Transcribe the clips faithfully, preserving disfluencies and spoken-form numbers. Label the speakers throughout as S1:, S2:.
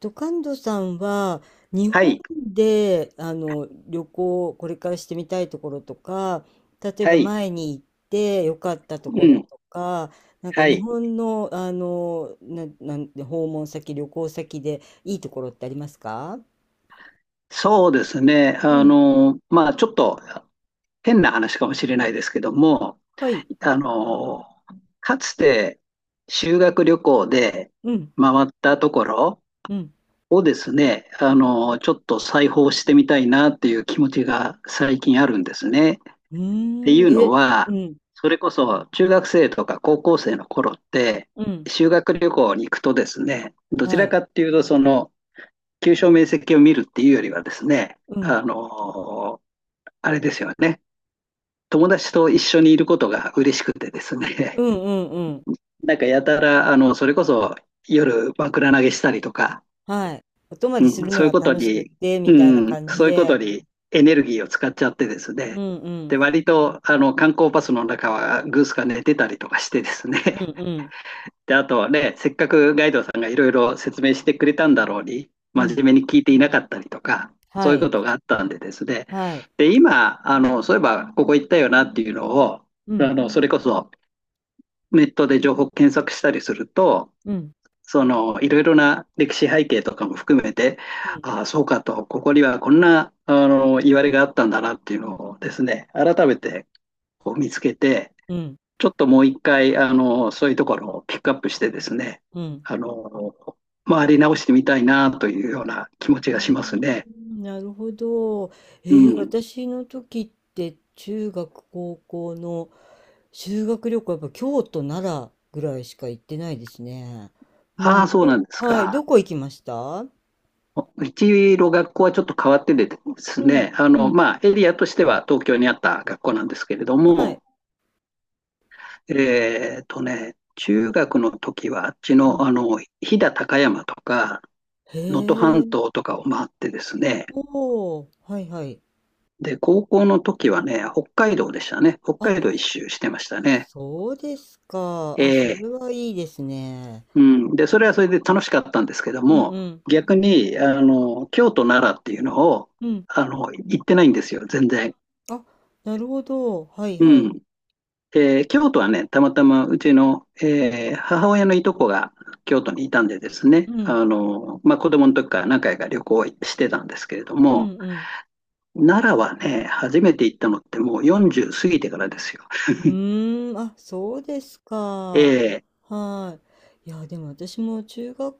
S1: ドカンドさんは日
S2: は
S1: 本
S2: い、
S1: であの旅行をこれからしてみたいところとか、例え
S2: は
S1: ば
S2: い、
S1: 前に行って良かったとこ
S2: う
S1: ろ
S2: ん、
S1: とか、なんか
S2: は
S1: 日
S2: い。
S1: 本の、あのな、なんで訪問先、旅行先でいいところってありますか？
S2: そうですね。
S1: う
S2: あ
S1: ん。
S2: の、まあ、ちょっと変な話かもしれないですけども、
S1: はい。
S2: あの、かつて修学旅行で
S1: うん、
S2: 回ったところ
S1: うん。
S2: をですね、あの、ちょっと再訪してみたいなっていう気持ちが最近あるんですね。っ
S1: う
S2: てい
S1: ーん。
S2: うの
S1: え、
S2: は、
S1: うん、
S2: それこそ中学生とか高校生の頃って、
S1: うん。
S2: 修学旅行に行くとですね、どち
S1: は
S2: ら
S1: い。
S2: かっていうと、その、急所面積を見るっていうよりはですね、
S1: うん、
S2: あのあれですよね、友達と一緒にいることが嬉しくてです
S1: う
S2: ね、
S1: ん、うん、うん。
S2: なんかやたら、あの、それこそ夜枕投げしたりとか、
S1: はい、お泊まりす
S2: うん、
S1: るの
S2: そういう
S1: が
S2: こと
S1: 楽しくっ
S2: に、
S1: て
S2: う
S1: みたいな
S2: ん、
S1: 感じ
S2: そういうこと
S1: で。
S2: にエネルギーを使っちゃってです
S1: う
S2: ね、
S1: ん、う
S2: で、
S1: ん、
S2: 割と、あの、観光バスの中はグースが寝てたりとかしてですね、
S1: うん、うん、
S2: で、あとね、せっかくガイドさんがいろいろ説明してくれたんだろうに、
S1: う
S2: 真
S1: ん。
S2: 面目に聞いていなかったりとか、そう
S1: は
S2: いう
S1: い、
S2: ことがあったんでですね。
S1: はい。
S2: で、今、あの、そういえばここ行ったよなっていうのを、
S1: うん、
S2: あの、それこそネットで情報検索したりすると、
S1: うん、
S2: その、いろいろな歴史背景とかも含めて、
S1: うん、
S2: ああ、そうかと、ここにはこんな、あの、言われがあったんだなっていうのをですね、改めてこう見つけて、
S1: うん、
S2: ちょっともう一回、あの、そういうところをピックアップしてですね、
S1: うん。
S2: あの、回り直してみたいなというような気持ち
S1: うー
S2: がしますね。
S1: ん、なるほど。え
S2: う
S1: ー、
S2: ん。
S1: 私の時って中学、高校の修学旅行はやっぱ京都、奈良ぐらいしか行ってないですね。う
S2: ああ、
S1: ん、
S2: そう
S1: ど、
S2: なんです
S1: はい、ど
S2: か。
S1: こ行きました？
S2: うちの学校はちょっと変わっててです
S1: うん、
S2: ね、あ
S1: う
S2: の、
S1: ん、
S2: まあ、エリアとしては東京にあった学校なんですけれど
S1: はい。
S2: も、えっとね、中学の時はあっち
S1: う
S2: の、
S1: ん、
S2: あの、飛騨高山とか、
S1: へ
S2: 能登
S1: え、
S2: 半島とかを回ってですね、
S1: おー、はいはい。
S2: で、高校の時はね、北海道でしたね。北
S1: あ、
S2: 海道一周してましたね。
S1: そうですか。あ、そ
S2: え
S1: れ
S2: え、
S1: はいいですね。
S2: うん。で、
S1: へ
S2: それはそれ
S1: え。
S2: で楽しかったんですけど
S1: うん、
S2: も、
S1: うん、
S2: 逆に、あの、京都、奈良っていうのを、
S1: うん。
S2: あの、行ってないんですよ、全然。
S1: あ、なるほど。はい
S2: う
S1: はい。
S2: ん。えー京都はね、たまたまうちの、えー母親のいとこが京都にいたんでですね、
S1: うん。
S2: あの、まあ、子供の時から何回か旅行してたんですけれど
S1: うん
S2: も、
S1: うん。
S2: 奈良はね、初めて行ったのってもうよんじゅう過ぎてからですよ。
S1: うーん、あ、そうです
S2: え
S1: か。
S2: え、
S1: はい。いや、でも私も中学、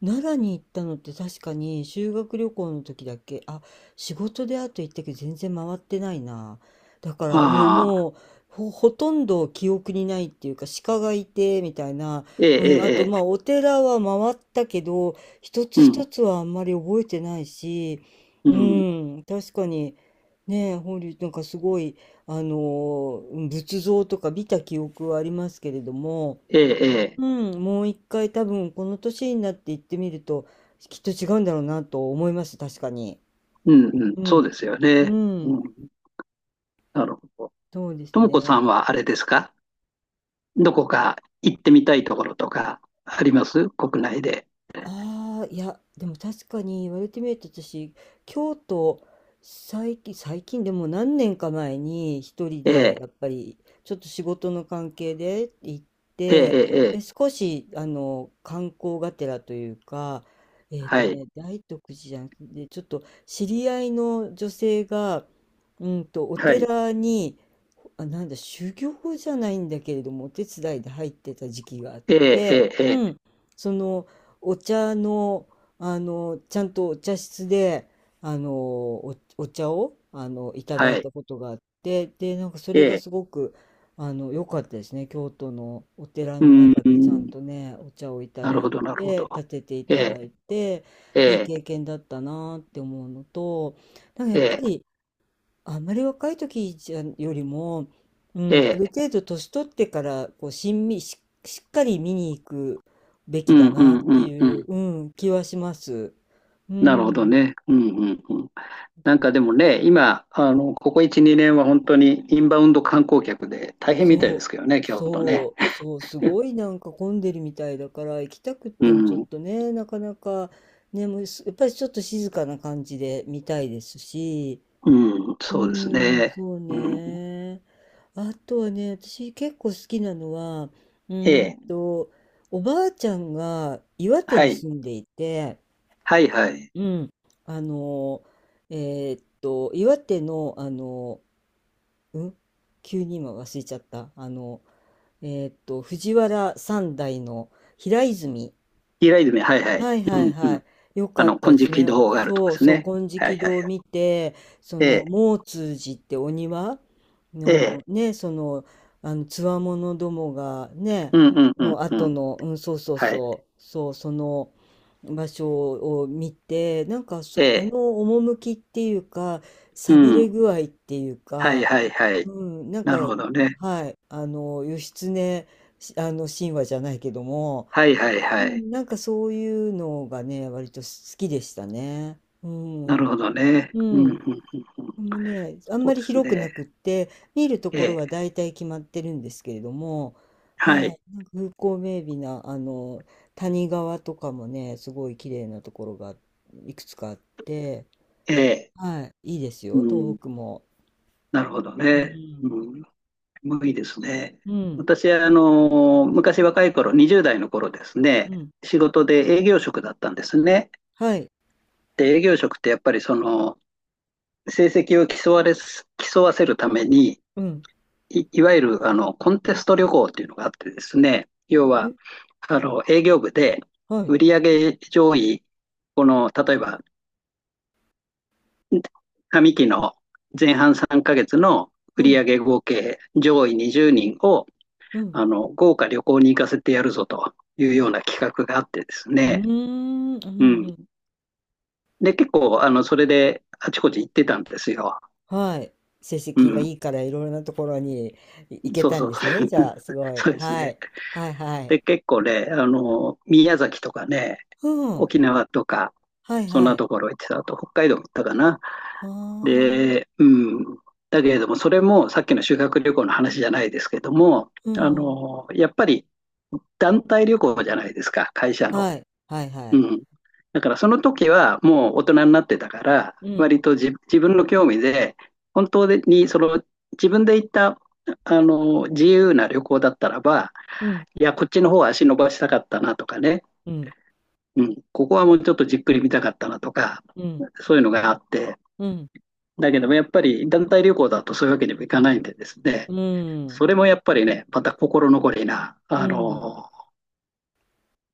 S1: 奈良に行ったのって確かに修学旅行の時だけ、あ、仕事であと行ったけど全然回ってないな。だから、うん、
S2: ああ、
S1: もう、ほ、ほとんど記憶にないっていうか、鹿がいて、みたいな。
S2: ええ、
S1: う
S2: え
S1: ん、あ
S2: え、
S1: と、
S2: ええ、
S1: まあ、お寺は回ったけど、一つ
S2: う
S1: 一
S2: ん、
S1: つはあんまり覚えてないし、
S2: う
S1: う
S2: ん、
S1: ん、確かに、ねえ、法隆寺なんかすごい、あの仏像とか見た記憶はありますけれども、
S2: ええ、ええ、
S1: うん、もう一回多分この年になって行ってみるときっと違うんだろうなと思います、確かに。
S2: うん、うん、
S1: う
S2: そう
S1: ん、
S2: ですよ
S1: う
S2: ね。う
S1: ん、
S2: ん、なるほど。
S1: そうで
S2: と
S1: す
S2: もこさ
S1: ね。
S2: んはあれですか、どこか行ってみたいところとかあります国内で。
S1: ああ、いやでも確かに言われてみると私、京都、最近、最近でも何年か前に一人
S2: ええ、
S1: でやっぱりちょっと仕事の関係で行っ
S2: ええ、ええ、え
S1: で、
S2: え、
S1: 少し、あの、観光がてらというか、えっと
S2: はい、
S1: ね、大徳寺じゃなくて、ちょっと知り合いの女性が、うんと、お
S2: はい、
S1: 寺に、あ、なんだ、修行じゃないんだけれども、お手伝いで入ってた時期があっ
S2: ええ、ええ、ええ、
S1: うん、その、お茶の、あのちゃんとお茶室で、あのお、お茶をあのいただ
S2: は
S1: い
S2: い、
S1: たことがあって、でなんかそ
S2: え
S1: れが
S2: え、
S1: すごくあの良かったですね。京都のお寺
S2: う
S1: の
S2: ん、
S1: 中でちゃんとね、お茶をいた
S2: なる
S1: だ
S2: ほ
S1: い
S2: ど、なるほど。
S1: て、立ててい
S2: え
S1: ただ
S2: え、
S1: いて、
S2: え
S1: いい
S2: え、
S1: 経験だったなって思うのと、なんかや
S2: え
S1: っぱ
S2: え、
S1: りあんまり若い時じゃよりも、う
S2: え
S1: ん、ある
S2: え、
S1: 程度年取ってからこうしんみし、しっかり見に行くべ
S2: う
S1: き
S2: ん、
S1: だ
S2: う
S1: なっ
S2: ん、う
S1: て
S2: ん、う
S1: いう、
S2: ん、
S1: うん、気はします。う
S2: なるほど
S1: ん、
S2: ね。うん、うん、うん。なんかでもね、今、あの、ここいち、にねんは本当にインバウンド観光客で大変みたいで
S1: そう、
S2: すけどね、京都ね。
S1: そう、そう、すごい なんか混んでるみたいだから行きたくっ
S2: う
S1: てもちょっ
S2: ん、
S1: とね、なかなか。ね、もうす、やっぱりちょっと静かな感じで見たいですし、
S2: うん、
S1: う
S2: そうです
S1: ーん、
S2: ね。
S1: そう
S2: うん、
S1: ね。あとはね、私結構好きなのは、う
S2: え
S1: ーん
S2: え、
S1: と、おばあちゃんが岩手
S2: は
S1: に
S2: い、
S1: 住んでいて、
S2: はいはい。
S1: うん、あの、えーっと、岩手の、あの、うん、急に今忘れちゃった。あの、えーっと、藤原三代の平泉。
S2: イライドメ、はいはい。
S1: はい
S2: う
S1: はい
S2: ん、う
S1: は
S2: ん。
S1: い。よ
S2: あ
S1: かっ
S2: の、
S1: た
S2: 金
S1: です
S2: 色
S1: ね。
S2: 堂があるとか
S1: そ
S2: で
S1: う
S2: す
S1: そう、
S2: ね。
S1: 金
S2: はいはい
S1: 色
S2: は
S1: 堂を
S2: い。
S1: 見て、そ
S2: え
S1: の、
S2: え、
S1: 毛通寺ってお庭
S2: え
S1: の
S2: え、
S1: ね、その、あの、つわものどもがね、
S2: うんうんう
S1: の
S2: んう
S1: 後
S2: ん。
S1: の、うん、そうそう
S2: はい。
S1: そう、そう、その場所を見て、なんか
S2: え
S1: そ、あ
S2: え、
S1: の趣っていうか、
S2: う
S1: 寂れ
S2: ん。
S1: 具合っていう
S2: はい
S1: か、
S2: はいはい。
S1: うん、なん
S2: なる
S1: か、
S2: ほどね。
S1: はい、あの、義経、あの、神話じゃないけども、
S2: はいはい
S1: う
S2: はい。
S1: ん、なんかそういうのがね、割と好きでしたね。う
S2: な
S1: ん。
S2: るほどね。
S1: う
S2: うん、うん、うん、
S1: ん。
S2: うん。
S1: でもね、あん
S2: そ
S1: ま
S2: う
S1: り
S2: です
S1: 広く
S2: ね。
S1: なくって、見ると
S2: え
S1: ころ
S2: え、
S1: は大体決まってるんですけれども、
S2: は
S1: は
S2: い。
S1: い、なんか風光明媚な、あの、谷川とかもね、すごい綺麗なところがいくつかあって、
S2: ええ。
S1: はい、いいですよ、
S2: う
S1: 東
S2: ん、
S1: 北も。
S2: なるほど
S1: う
S2: ね。
S1: ん。
S2: うん、無理ですね。
S1: うん。
S2: 私はあの昔若い頃、にじゅう代の頃ですね、
S1: うん。
S2: 仕事で営業職だったんですね。
S1: はい。
S2: で、営業職ってやっぱりその成績を競われす、競わせるために、
S1: うん。
S2: い、いわゆるあのコンテスト旅行っていうのがあってですね、要
S1: え、
S2: はあの営業部で
S1: はい。
S2: 売上上位、この例えば上期の前半さんかげつの
S1: う
S2: 売
S1: ん。
S2: 上合計上位にじゅうにんを
S1: うん。
S2: あの、豪華旅行に行かせてやるぞというよう
S1: え、
S2: な企画があってです
S1: うー
S2: ね。
S1: ん。うん。う
S2: うん。
S1: ん。
S2: で、結構、あの、それであちこち行ってたんですよ。
S1: はい。成
S2: う
S1: 績がい
S2: ん。
S1: いからいろいろなところにい行け
S2: そう
S1: たん
S2: そう。
S1: ですね。じゃあ、す ごい。
S2: そうです
S1: は
S2: ね。
S1: い。はいはい。
S2: で、結構ね、あの、宮崎とかね、
S1: うん。
S2: 沖縄とか、
S1: はい
S2: そん
S1: は
S2: な
S1: い。
S2: ところ行ってた。あと、北海道行ったかな。
S1: は
S2: で、
S1: あ。
S2: うん。だけれども、それもさっきの修学旅行の話じゃないですけども、
S1: う
S2: あ
S1: ん。
S2: の、やっぱり団体旅行じゃないですか、会社の。
S1: はい。はいは
S2: う
S1: い。
S2: ん。だからその時はもう大人になってたから、
S1: うん。
S2: 割と自自分の興味で、本当にその自分で行ったあの自由な旅行だったらば、
S1: うん。
S2: いや、こっちの方は足伸ばしたかったなとかね、
S1: うん。
S2: うん、ここはもうちょっとじっくり見たかったなとか、
S1: うん。
S2: そういうのがあって、
S1: うん。
S2: だけどもやっぱり団体旅行だとそういうわけにもいかないんでです
S1: う
S2: ね、
S1: ん。
S2: それもやっぱりね、また心残りな、
S1: う
S2: あ
S1: ん。
S2: の、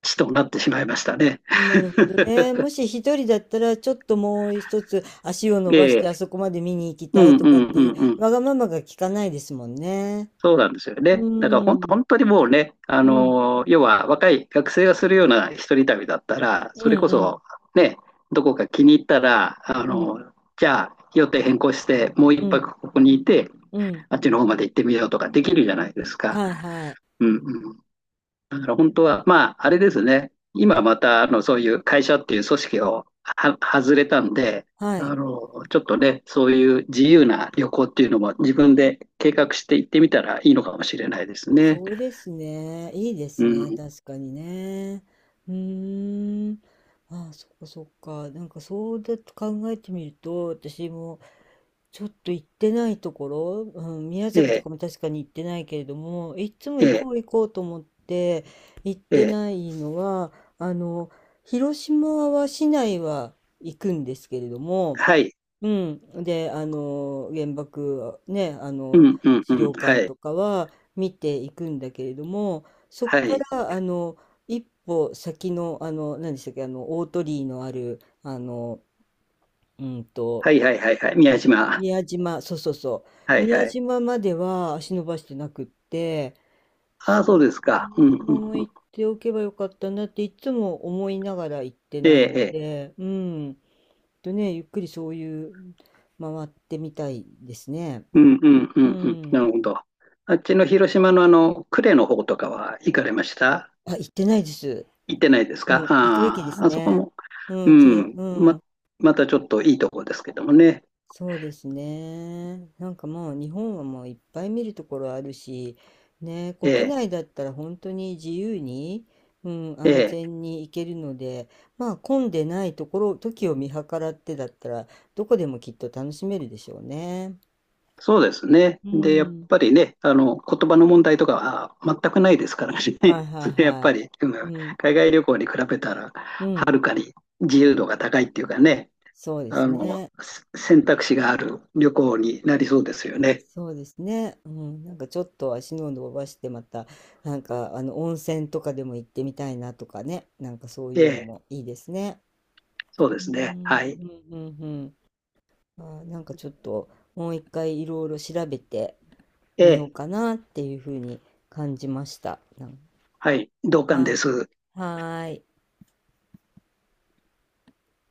S2: 地となってしまいましたね。
S1: なるほどね。もし一人だったら、ちょっともう一つ足を伸
S2: え
S1: ばして
S2: え、
S1: あそこまで見に行き
S2: う
S1: たい
S2: んうんう
S1: とかっていう、
S2: んうん。
S1: わがままが聞かないですもんね。
S2: そうなんですよね。だからほ
S1: う
S2: ん
S1: ん。
S2: 本当にもうね、あ
S1: うん。
S2: のー要は若い学生がするような一人旅だったら、
S1: う
S2: それ
S1: ん
S2: こ
S1: うん。
S2: そね、どこか気に入ったら、あ
S1: うん。
S2: のーじゃあ予定変更して、もう
S1: う
S2: 一
S1: ん。
S2: 泊ここにいて、
S1: うん。
S2: あっちの方まで行ってみようとかできるじゃないですか。
S1: はいはい。
S2: うんうん。だから本当は、まあ、あれですね。今また、あの、そういう会社っていう組織をは外れたんで、
S1: は
S2: あ
S1: い。
S2: の、ちょっとね、そういう自由な旅行っていうのも自分で計画して行ってみたらいいのかもしれないですね。
S1: そうですね。いいで
S2: う
S1: すね。
S2: ん。
S1: 確かにね。うーん。ああ、そっかそっか。なんかそうだと考えてみると、私もちょっと行ってないところ、うん、宮
S2: え
S1: 崎とか
S2: え、
S1: も確かに行ってないけれども、いつも
S2: え
S1: 行こ
S2: え、
S1: う行こうと思って行っ
S2: え
S1: て
S2: え。
S1: ないのは、あの、広島は市内は行くんですけれども、
S2: はい。
S1: うん。で、あの、原爆、ね、あ
S2: う
S1: の、
S2: ん、うん、う
S1: 資
S2: ん。
S1: 料
S2: は
S1: 館
S2: い。
S1: とかは見ていくんだけれども、そ
S2: は
S1: こか
S2: い。
S1: ら、あの、一歩先の、あの、何でしたっけ、あの、大鳥居のある、あの、うん
S2: は
S1: と、
S2: い、はい、はい、はい。宮島。
S1: 宮島、そうそうそ
S2: は
S1: う、
S2: い、は
S1: 宮
S2: い。
S1: 島までは足伸ばしてなくって、
S2: ああ、
S1: そ
S2: そう
S1: う、
S2: ですか。う
S1: 宮
S2: ん、う
S1: 島も
S2: ん。
S1: 行っておけばよかったなっていつも思いながら行って
S2: ええ、
S1: ない
S2: え
S1: の
S2: え。
S1: で、うん。とね、ゆっくりそういう回ってみたいですね。
S2: うん、うん、う
S1: う
S2: ん、うん。な
S1: ん。
S2: るほど。あっちの広島のあの、呉の方とかは行かれました？
S1: あ、行ってないです。
S2: 行ってないです
S1: う
S2: か、
S1: ん、行くべきで
S2: あ
S1: す
S2: あ、あそこ
S1: ね。
S2: も、
S1: う
S2: う
S1: ん、綺麗、
S2: ん、
S1: う
S2: ま、
S1: ん。
S2: またちょっといいとこですけどもね。
S1: そうですね。なんかもう日本はもういっぱい見るところあるし、ね、
S2: え
S1: 国
S2: え、
S1: 内だったら本当に自由に、うん、
S2: え
S1: 安
S2: え、
S1: 全に行けるので、まあ混んでないところ、時を見計らってだったら、どこでもきっと楽しめるでしょうね。
S2: そうですね。
S1: う
S2: で、やっ
S1: ん。
S2: ぱりね、あの、言葉の問題とかは全くないですからね。
S1: はい はい
S2: それやっ
S1: は
S2: ぱり、う
S1: い。う
S2: ん、
S1: ん、
S2: 海外旅行に比べたら、
S1: う
S2: は
S1: ん、
S2: るかに自由
S1: う
S2: 度
S1: ん。
S2: が高いっていうかね、
S1: そうで
S2: あ
S1: す
S2: の、
S1: ね。
S2: せ選択肢がある旅行になりそうですよね。
S1: そうですね。うん、なんかちょっと足の伸ばしてまた、なんかあの温泉とかでも行ってみたいなとかね。なんかそう
S2: え
S1: いうの
S2: え、
S1: もいいですね。
S2: そう
S1: う
S2: ですね。
S1: ん、
S2: はい。
S1: うん、うん、うん。あー、なんかちょっともう一回いろいろ調べて
S2: え
S1: みよう
S2: え、
S1: かなっていうふうに感じました。なん、
S2: はい、同感
S1: は
S2: で
S1: い。
S2: す。
S1: はーい。